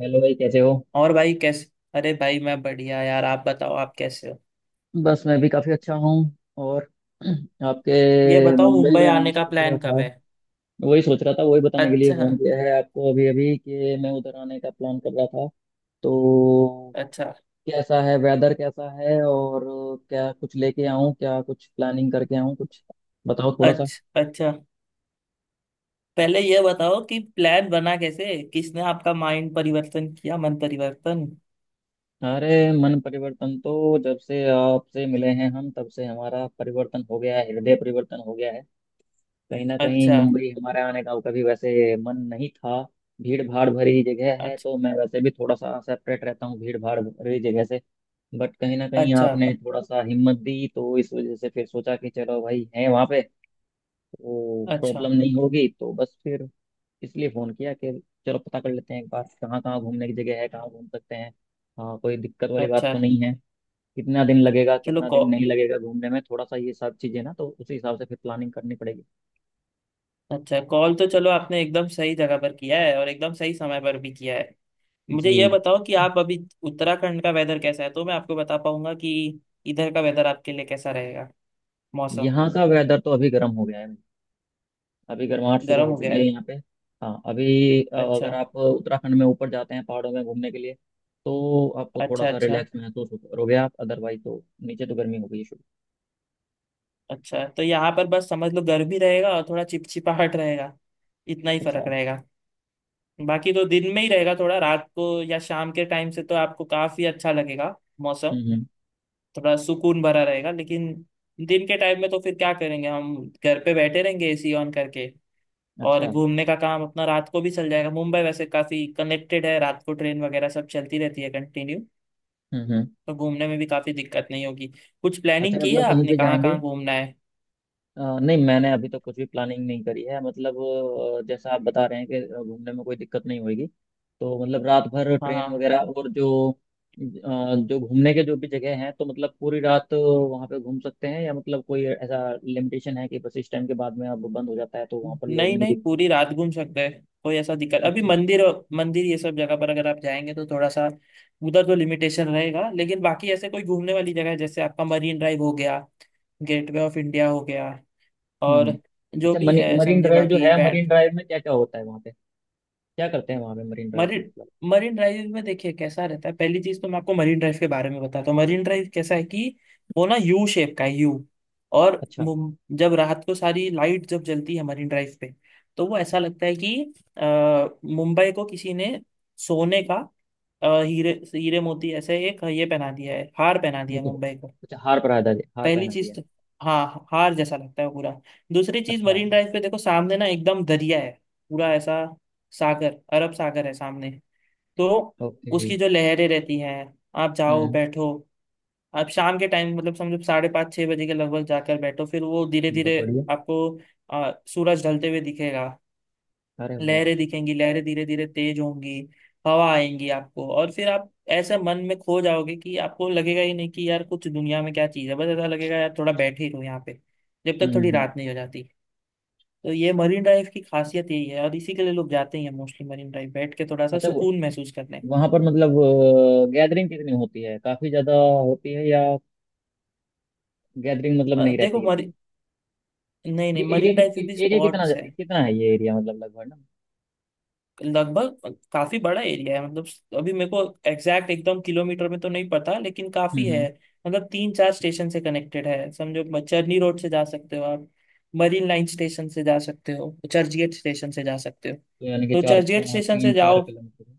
Hello भाई कैसे हो। और भाई कैसे। अरे भाई मैं बढ़िया यार, आप बताओ, आप कैसे हो? बस मैं भी काफी अच्छा हूँ। और आपके। ये बताओ, मुंबई मुंबई में आना आने का सोच रहा प्लान कब था। है? वही सोच रहा था, वही बताने के लिए फोन अच्छा। किया है आपको अभी अभी कि मैं उधर आने का प्लान कर रहा था। तो अच्छा। कैसा है वेदर, कैसा है, और क्या कुछ लेके आऊँ, क्या कुछ प्लानिंग करके आऊँ कुछ? बताओ थोड़ा सा। अच्छा। अच्छा। पहले ये बताओ कि प्लान बना कैसे, किसने आपका माइंड परिवर्तन किया, मन परिवर्तन। अरे, मन परिवर्तन तो जब से आपसे मिले हैं हम तब से हमारा परिवर्तन हो गया है, हृदय परिवर्तन हो गया है। कहीं ना कहीं अच्छा। मुंबई हमारे आने का कभी वैसे मन नहीं था। भीड़ भाड़ भरी जगह है अच्छा। तो मैं वैसे भी थोड़ा सा सेपरेट रहता हूँ भीड़ भाड़ भरी जगह से। बट कहीं ना कहीं अच्छा। आपने थोड़ा सा हिम्मत दी तो इस वजह से फिर सोचा कि चलो भाई है वहाँ पे, तो अच्छा। प्रॉब्लम नहीं होगी। तो बस फिर इसलिए फ़ोन किया कि चलो पता कर लेते हैं एक बार, कहाँ कहाँ घूमने की जगह है, कहाँ घूम सकते हैं। हाँ, कोई दिक्कत वाली बात अच्छा। तो नहीं है। कितना दिन लगेगा, चलो कितना दिन कॉल नहीं लगेगा घूमने में, थोड़ा सा ये सब चीज़ें ना, तो उसी हिसाब से फिर प्लानिंग करनी पड़ेगी। अच्छा, कॉल तो चलो आपने एकदम सही जगह पर किया है और एकदम सही समय पर भी किया है। मुझे जी। ये बताओ कि आप अभी उत्तराखंड का वेदर कैसा है तो मैं आपको बता पाऊंगा कि इधर का वेदर आपके लिए कैसा रहेगा, मौसम। यहाँ का वेदर तो अभी गर्म हो गया है। अभी गर्माहट शुरू गर्म हो हो गया चुकी है है? यहाँ पे। हाँ अभी अच्छा। अगर आप उत्तराखंड में ऊपर जाते हैं पहाड़ों में घूमने के लिए तो आपको थोड़ा अच्छा। सा अच्छा। रिलैक्स महसूस करोगे आप, अदरवाइज तो नीचे तो गर्मी हो गई है शुरू। अच्छा। तो यहाँ पर बस समझ लो गर्मी रहेगा और थोड़ा चिपचिपाहट रहेगा, इतना ही अच्छा। फर्क रहेगा। बाकी तो दिन में ही रहेगा थोड़ा, रात को या शाम के टाइम से तो आपको काफी अच्छा लगेगा मौसम, हम्म। थोड़ा सुकून भरा रहेगा। लेकिन दिन के टाइम में तो फिर क्या करेंगे हम, घर पे बैठे रहेंगे एसी ऑन करके। और अच्छा। घूमने का काम अपना रात को भी चल जाएगा, मुंबई वैसे काफी कनेक्टेड है, रात को ट्रेन वगैरह सब चलती रहती है कंटिन्यू। हम्म। तो घूमने में भी काफी दिक्कत नहीं होगी। कुछ अच्छा, प्लानिंग की है मतलब कहीं आपने पे कहाँ जाएंगे। कहाँ घूमना है? नहीं, मैंने अभी तक कुछ भी प्लानिंग नहीं करी है, मतलब जैसा आप बता रहे हैं कि घूमने में कोई दिक्कत नहीं होगी। तो मतलब रात भर हाँ हाँ, ट्रेन हाँ। वगैरह और जो जो घूमने के जो भी जगह हैं, तो मतलब पूरी रात वहाँ पे घूम सकते हैं, या मतलब कोई ऐसा लिमिटेशन है कि बस इस टाइम के बाद में अब बंद हो जाता है तो वहाँ पर लोग नहीं नहीं नहीं, दिखते। पूरी रात घूम सकते हैं, कोई ऐसा दिक्कत अभी अच्छा। मंदिर, मंदिर ये सब जगह पर अगर आप जाएंगे तो थोड़ा सा उधर तो लिमिटेशन रहेगा, लेकिन बाकी ऐसे कोई घूमने वाली जगह है जैसे आपका मरीन ड्राइव हो गया, गेटवे ऑफ इंडिया हो गया और हम्म। जो अच्छा, भी मनी है मरीन समझे, ड्राइव जो बाकी है, मरीन ड्राइव में क्या क्या होता है वहाँ पे, क्या करते हैं वहाँ पे मरीन ड्राइव में, मरीन मतलब? मरीन ड्राइव में देखिए कैसा रहता है। पहली चीज तो मैं आपको मरीन ड्राइव के बारे में बताता हूँ, मरीन ड्राइव कैसा है कि वो ना यू शेप का है, यू। और अच्छा। जब रात को सारी लाइट जब जलती है मरीन ड्राइव पे तो वो ऐसा लगता है कि अ, मुंबई को किसी ने सोने का हीरे हीरे मोती ऐसे एक ये पहना दिया है, हार पहना दिया है मुकुट। मुंबई को। अच्छा, हार पहना दिया, हार पहली पहना दिया चीज है। तो हाँ, हार जैसा लगता है पूरा। दूसरी चीज अच्छा। मरीन ड्राइव पे देखो, सामने ना एकदम दरिया है, पूरा ऐसा सागर, अरब सागर है सामने। तो ओके। उसकी जो लहरें रहती हैं, आप जाओ हम्म। बैठो। आप शाम के टाइम, मतलब समझो 5:30-6 बजे के लगभग जाकर बैठो, फिर वो धीरे बहुत धीरे बढ़िया। आपको सूरज ढलते हुए दिखेगा। अरे वाह। लहरें दिखेंगी, लहरें धीरे धीरे तेज होंगी, हवा आएंगी आपको और फिर आप ऐसे मन में खो जाओगे कि आपको लगेगा ही नहीं कि यार कुछ दुनिया में क्या चीज़ है, बस ऐसा लगेगा यार थोड़ा बैठे ही रहो यहाँ पे जब तक हम्म थोड़ी हम्म। रात नहीं हो जाती। तो ये मरीन ड्राइव की खासियत यही है और इसी के लिए लोग जाते ही हैं मोस्टली, मरीन ड्राइव बैठ के थोड़ा सा अच्छा अच्छा। सुकून महसूस करने। वहां पर, मतलब, गैदरिंग कितनी होती है? काफी ज्यादा होती है, या गैदरिंग मतलब नहीं देखो, रहती इतनी? नहीं नहीं, ये एरिया, मरीन ड्राइव फिर भी एरिया कितना स्पॉट्स है। कितना है, ये एरिया मतलब लगभग ना? लगभग काफी बड़ा एरिया है, मतलब अभी मेरे को एग्जैक्ट एकदम किलोमीटर में तो नहीं पता लेकिन काफी हम्म है। हम्म। मतलब तीन चार स्टेशन से कनेक्टेड है, समझो चरनी रोड से जा सकते हो आप, मरीन लाइन स्टेशन से जा सकते हो, चर्चगेट स्टेशन से जा सकते हो। तो यानी कि तो चार चर्चगेट स्टेशन तीन से चार जाओ, किलोमीटर है।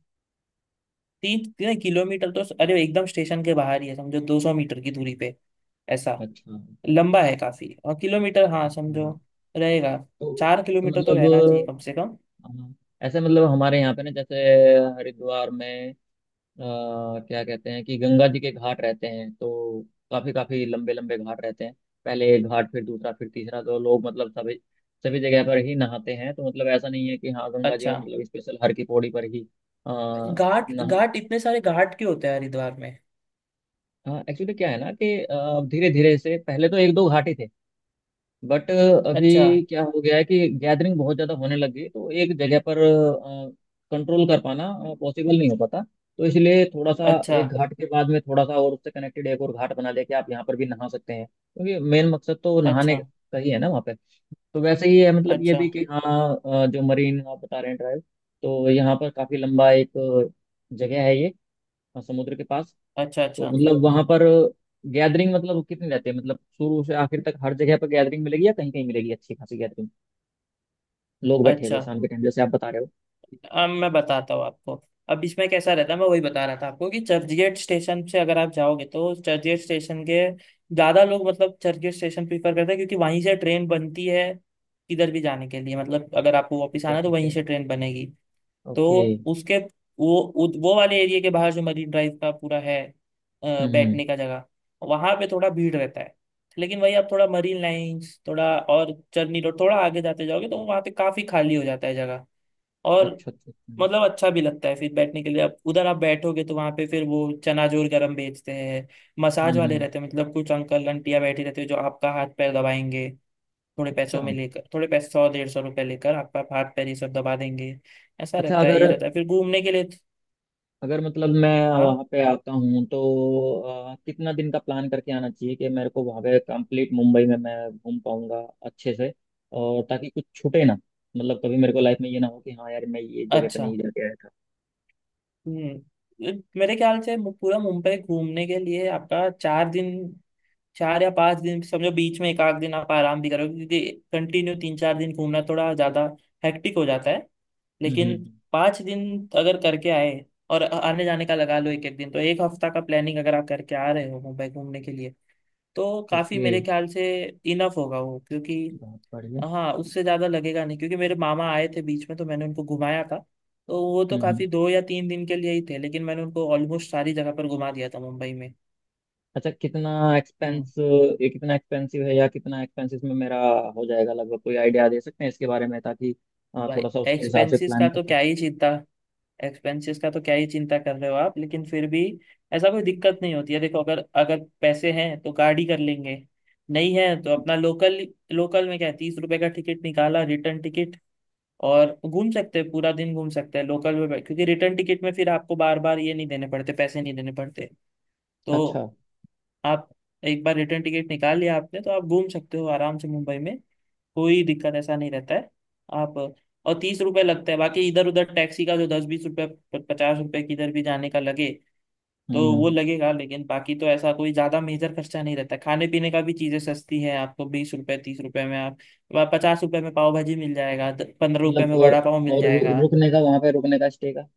तीन तीन किलोमीटर तो, अरे एकदम स्टेशन के बाहर ही है समझो, 200 मीटर की दूरी पे ऐसा। अच्छा। लंबा है काफी और किलोमीटर, हाँ बहुत समझो बढ़िया। रहेगा, तो चार तो किलोमीटर तो मतलब रहना चाहिए कम से कम। अ, ऐसे मतलब हमारे यहाँ पे ना, जैसे हरिद्वार में अ, क्या कहते हैं कि गंगा जी के घाट रहते हैं, तो काफी काफी लंबे लंबे घाट रहते हैं, पहले एक घाट फिर दूसरा फिर तीसरा। तो लोग मतलब सभी सभी जगह पर ही नहाते हैं। तो मतलब ऐसा नहीं है कि हाँ गंगा जी में अच्छा मतलब स्पेशल हर की पौड़ी पर ही आ, घाट, नहा घाट इतने सारे घाट क्यों होते हैं हरिद्वार में? हाँ, एक्चुअली क्या है ना कि धीरे धीरे से पहले तो एक दो घाट ही थे, बट अभी अच्छा। क्या हो गया है कि गैदरिंग बहुत ज़्यादा होने लग गई, तो एक जगह पर कंट्रोल कर पाना पॉसिबल नहीं हो पाता। तो इसलिए थोड़ा सा अच्छा। एक घाट के बाद में थोड़ा सा और, उससे कनेक्टेड एक और घाट बना लेके आप यहाँ पर भी नहा सकते हैं, क्योंकि मेन मकसद तो नहाने अच्छा। का ही है ना वहाँ पे। तो वैसे ही है मतलब ये अच्छा। भी कि हाँ जो मरीन आप बता रहे हैं ड्राइव, तो यहाँ पर काफ़ी लंबा एक जगह है ये, समुद्र के पास। अच्छा। तो अच्छा। मतलब वहां पर गैदरिंग मतलब कितनी रहती है, मतलब शुरू से आखिर तक हर जगह पर गैदरिंग मिलेगी, या कहीं कहीं मिलेगी अच्छी खासी गैदरिंग, लोग बैठे हुए अच्छा। शाम के टाइम, जैसे आप बता रहे हो? अब मैं बताता हूँ आपको, अब इसमें कैसा रहता है, मैं वही बता रहा था आपको कि चर्चगेट स्टेशन से अगर आप जाओगे तो चर्चगेट स्टेशन के ज्यादा लोग मतलब चर्चगेट स्टेशन प्रीफर करते हैं क्योंकि वहीं से ट्रेन बनती है किधर भी जाने के लिए, मतलब अगर आपको वापस ठीक है आना है तो ठीक वहीं है। से ट्रेन बनेगी। ओके। तो उसके वो वो वाले एरिया के बाहर जो मरीन ड्राइव का पूरा है हम्म। बैठने का जगह, वहां पे थोड़ा भीड़ रहता है। लेकिन वही आप थोड़ा मरीन लाइंस थोड़ा और चर्नी रोड थोड़ा आगे जाते जाओगे तो वहां पे काफी खाली हो जाता है जगह और अच्छा अच्छा अच्छा। मतलब अच्छा भी लगता है फिर बैठने के लिए। आप उधर आप बैठोगे तो वहां पे फिर वो चनाजोर गरम बेचते हैं, मसाज वाले हम्म। रहते हैं, मतलब कुछ अंकल आंटियां बैठे रहते हैं जो आपका हाथ पैर दबाएंगे थोड़े अच्छा पैसों में लेकर, थोड़े पैसे 100-150 रुपए लेकर आपका हाथ पैर ये सब दबा देंगे। ऐसा अच्छा। रहता है अगर, ये, रहता है फिर घूमने के लिए। अगर मतलब मैं हाँ। वहां पे आता हूँ तो कितना दिन का प्लान करके आना चाहिए कि मेरे को वहां पे कंप्लीट मुंबई में मैं घूम पाऊंगा अच्छे से, और ताकि कुछ छूटे ना, मतलब कभी मेरे को लाइफ में ये ना हो कि हाँ यार मैं ये जगह पे अच्छा। नहीं जाके आया था। हम्म। मेरे ख्याल से पूरा मुंबई घूमने के लिए आपका 4 दिन, 4 या 5 दिन समझो, बीच में एक आध दिन आप आराम भी करोगे क्योंकि कंटिन्यू 3-4 दिन घूमना थोड़ा ज्यादा हेक्टिक हो जाता है। हम्म हम्म लेकिन हम्म। 5 दिन अगर करके आए और आने जाने का लगा लो एक एक दिन तो एक हफ्ता का प्लानिंग अगर आप करके आ रहे हो मुंबई घूमने के लिए तो काफी, ओके। मेरे ख्याल से इनफ होगा वो। क्योंकि बहुत बढ़िया। हाँ, उससे ज्यादा लगेगा नहीं क्योंकि मेरे मामा आए थे बीच में तो मैंने उनको घुमाया था, तो वो तो हम्म हम्म। काफी 2 या 3 दिन के लिए ही थे लेकिन मैंने उनको ऑलमोस्ट सारी जगह पर घुमा दिया था मुंबई में। अच्छा, कितना हम्म। एक्सपेंस, ये कितना एक्सपेंसिव है, या कितना एक्सपेंस इसमें मेरा हो जाएगा लगभग? कोई आइडिया दे सकते हैं इसके बारे में, ताकि भाई थोड़ा सा उसके हिसाब से एक्सपेंसेस का प्लान कर तो क्या सकते। ही चिंता एक्सपेंसेस का तो क्या ही चिंता कर रहे हो आप, लेकिन फिर भी ऐसा कोई दिक्कत नहीं होती है। देखो अगर अगर पैसे हैं तो गाड़ी कर लेंगे, नहीं है तो अपना लोकल। लोकल में क्या है, 30 रुपए का टिकट निकाला, रिटर्न टिकट, और घूम सकते हैं, पूरा दिन घूम सकते हैं लोकल में क्योंकि रिटर्न टिकट में फिर आपको बार बार ये नहीं देने पड़ते, पैसे नहीं देने पड़ते। तो अच्छा। आप एक बार रिटर्न टिकट निकाल लिया आपने तो आप घूम सकते हो आराम से मुंबई में, कोई दिक्कत ऐसा नहीं रहता है आप। और 30 रुपये लगता है, बाकी इधर उधर टैक्सी का जो 10-20 रुपये 50 रुपये किधर भी जाने का लगे हम्म तो हम्म वो हम्म। लगेगा, लेकिन बाकी तो ऐसा कोई ज्यादा मेजर खर्चा नहीं रहता। खाने पीने का भी चीजें सस्ती है, आपको 20 रुपए 30 रुपए में आप, 50 रुपए में पाव भाजी मिल जाएगा, 15 रुपए मतलब में वड़ा पाव मिल और जाएगा। रुकने का, वहाँ पे रुकने का, स्टे का?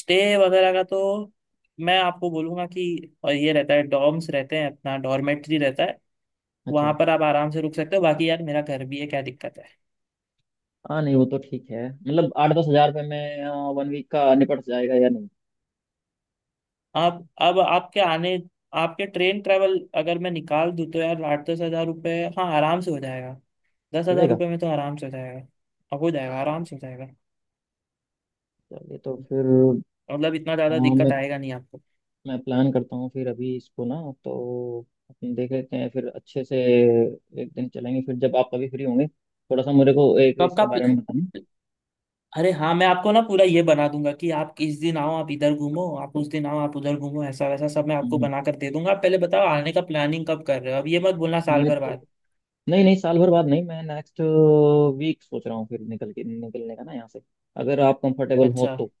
स्टे वगैरह का तो मैं आपको बोलूंगा कि और ये रहता है, डॉर्म्स रहते हैं, अपना डॉर्मेट्री रहता है, वहां अच्छा। पर आप आराम से रुक सकते हो। बाकी यार मेरा घर भी है, क्या दिक्कत है। हाँ नहीं वो तो ठीक है, मतलब 8-10 हज़ार रुपये में वन वीक का निपट जाएगा या नहीं? आप अब आपके आने, आपके ट्रेन ट्रेवल अगर मैं निकाल दूँ तो यार 8-10 हजार रुपये, हाँ आराम से हो जाएगा। दस हो हजार जाएगा। रुपये में तो आराम से हो जाएगा, अब हो जाएगा आराम से हो जाएगा, चलिए तो फिर मतलब इतना अ, ज़्यादा मैं दिक्कत आएगा नहीं आपको। मैं प्लान करता हूँ फिर अभी इसको ना, तो अपन देख लेते हैं फिर अच्छे से, एक दिन चलेंगे फिर जब आप कभी फ्री होंगे, थोड़ा सा मेरे को एक कब का इसके बारे प्ल- में बताना। अरे हाँ, मैं आपको ना पूरा ये बना दूंगा कि आप किस दिन आओ आप इधर घूमो, आप उस दिन आओ आप उधर घूमो, ऐसा वैसा सब मैं आपको हम्म, बना कर दे दूंगा। आप पहले बताओ आने का प्लानिंग कब कर रहे हो, अब ये मत बोलना साल मैं भर तो, बाद। नहीं नहीं साल भर बाद नहीं, मैं नेक्स्ट वीक सोच रहा हूँ फिर निकल के, निकलने का ना यहाँ से, अगर आप कंफर्टेबल हो अच्छा। तो।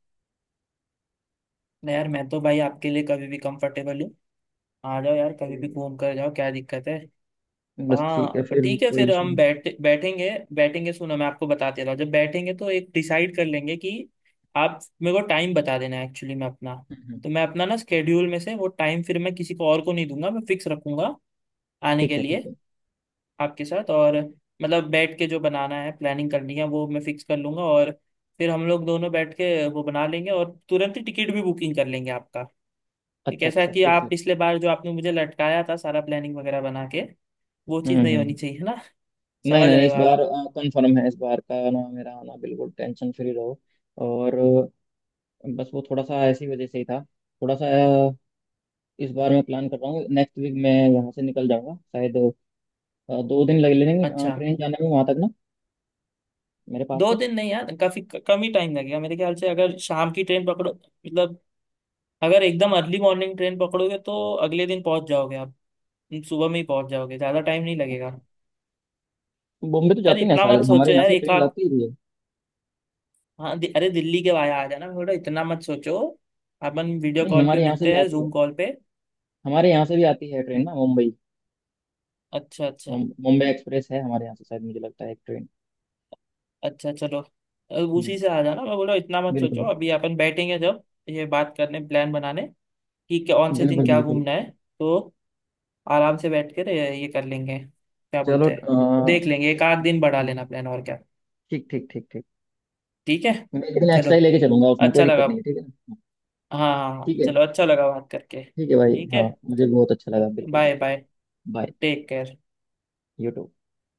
नहीं यार मैं तो भाई आपके लिए कभी भी कंफर्टेबल हूँ, आ जाओ यार तो कभी भी घूम कर जाओ क्या दिक्कत है। बस हाँ ठीक है पर फिर, ठीक है कोई फिर इशू हम नहीं। बैठेंगे, बैठेंगे सुनो मैं आपको बताते रहा हूँ। जब बैठेंगे तो एक डिसाइड कर लेंगे कि आप मेरे को टाइम बता देना, एक्चुअली मैं अपना, हम्म। तो मैं अपना ना स्केड्यूल में से वो टाइम फिर मैं किसी को और को नहीं दूंगा, मैं फिक्स रखूंगा आने ठीक के है ठीक लिए है। आपके साथ। और मतलब बैठ के जो बनाना है, प्लानिंग करनी है वो मैं फिक्स कर लूंगा, और फिर हम लोग दोनों बैठ के वो बना लेंगे और तुरंत ही टिकट भी बुकिंग कर लेंगे आपका। ये अच्छा कैसा अच्छा। कि ठीक आप है। पिछले बार जो आपने मुझे लटकाया था सारा प्लानिंग वगैरह बना के, वो हम्म चीज़ हम्म नहीं होनी हम्म। चाहिए, है ना? नहीं समझ नहीं, रहे इस हो बार आप? कंफर्म है इस बार का ना मेरा आना, बिल्कुल टेंशन फ्री रहो। और बस वो थोड़ा सा ऐसी वजह से ही था, थोड़ा सा अ, इस बार मैं प्लान कर रहा हूँ, नेक्स्ट वीक मैं यहाँ से निकल जाऊंगा शायद। 2 दिन लग लेंगे अच्छा। ट्रेन जाने में वहां तक ना, मेरे पास दो से। दिन नहीं यार, काफी कम ही टाइम लगेगा मेरे ख्याल से, अगर शाम की ट्रेन पकड़ो मतलब अगर एकदम अर्ली मॉर्निंग ट्रेन पकड़ोगे तो अगले दिन पहुंच जाओगे आप, सुबह में ही पहुंच जाओगे, ज्यादा टाइम नहीं लगेगा। बॉम्बे तो यार जाती ना, इतना सारे मत हमारे सोचो यहाँ यार से एक ट्रेन आध, जाती ही है। हाँ अरे दिल्ली के भाई आ जाना, थोड़ा इतना मत सोचो, अपन वीडियो नहीं, कॉल पे हमारे यहाँ से भी मिलते हैं, आती है, जूम कॉल पे। हमारे यहाँ से भी आती है ट्रेन हम्म। ना मुंबई। अच्छा। अच्छा। मुंबई एक्सप्रेस है हमारे यहाँ से शायद, मुझे लगता है एक ट्रेन। अच्छा। चलो हम्म। उसी से आ जाना, मैं बोला इतना मत सोचो बिल्कुल अभी, अपन बैठेंगे जब ये बात करने, प्लान बनाने कि कौन से दिन बिल्कुल क्या बिल्कुल। घूमना है, तो आराम से बैठ कर ये कर लेंगे क्या चलो बोलते हैं। देख लेंगे, एक आध इस- दिन बढ़ा लेना प्लान और क्या, ठीक ठीक ठीक ठीक। ठीक है। मैं एक दिन चलो एक्स्ट्रा ही लेके चलूंगा, उसमें कोई अच्छा दिक्कत लगा, नहीं है, ठीक है ना? हाँ हाँ ठीक हाँ, है। चलो अच्छा लगा बात करके, ठीक है भाई, ठीक हाँ, है। मुझे बहुत अच्छा लगा, बिल्कुल बाय बिल्कुल। Bye. Bye. Take care. You to.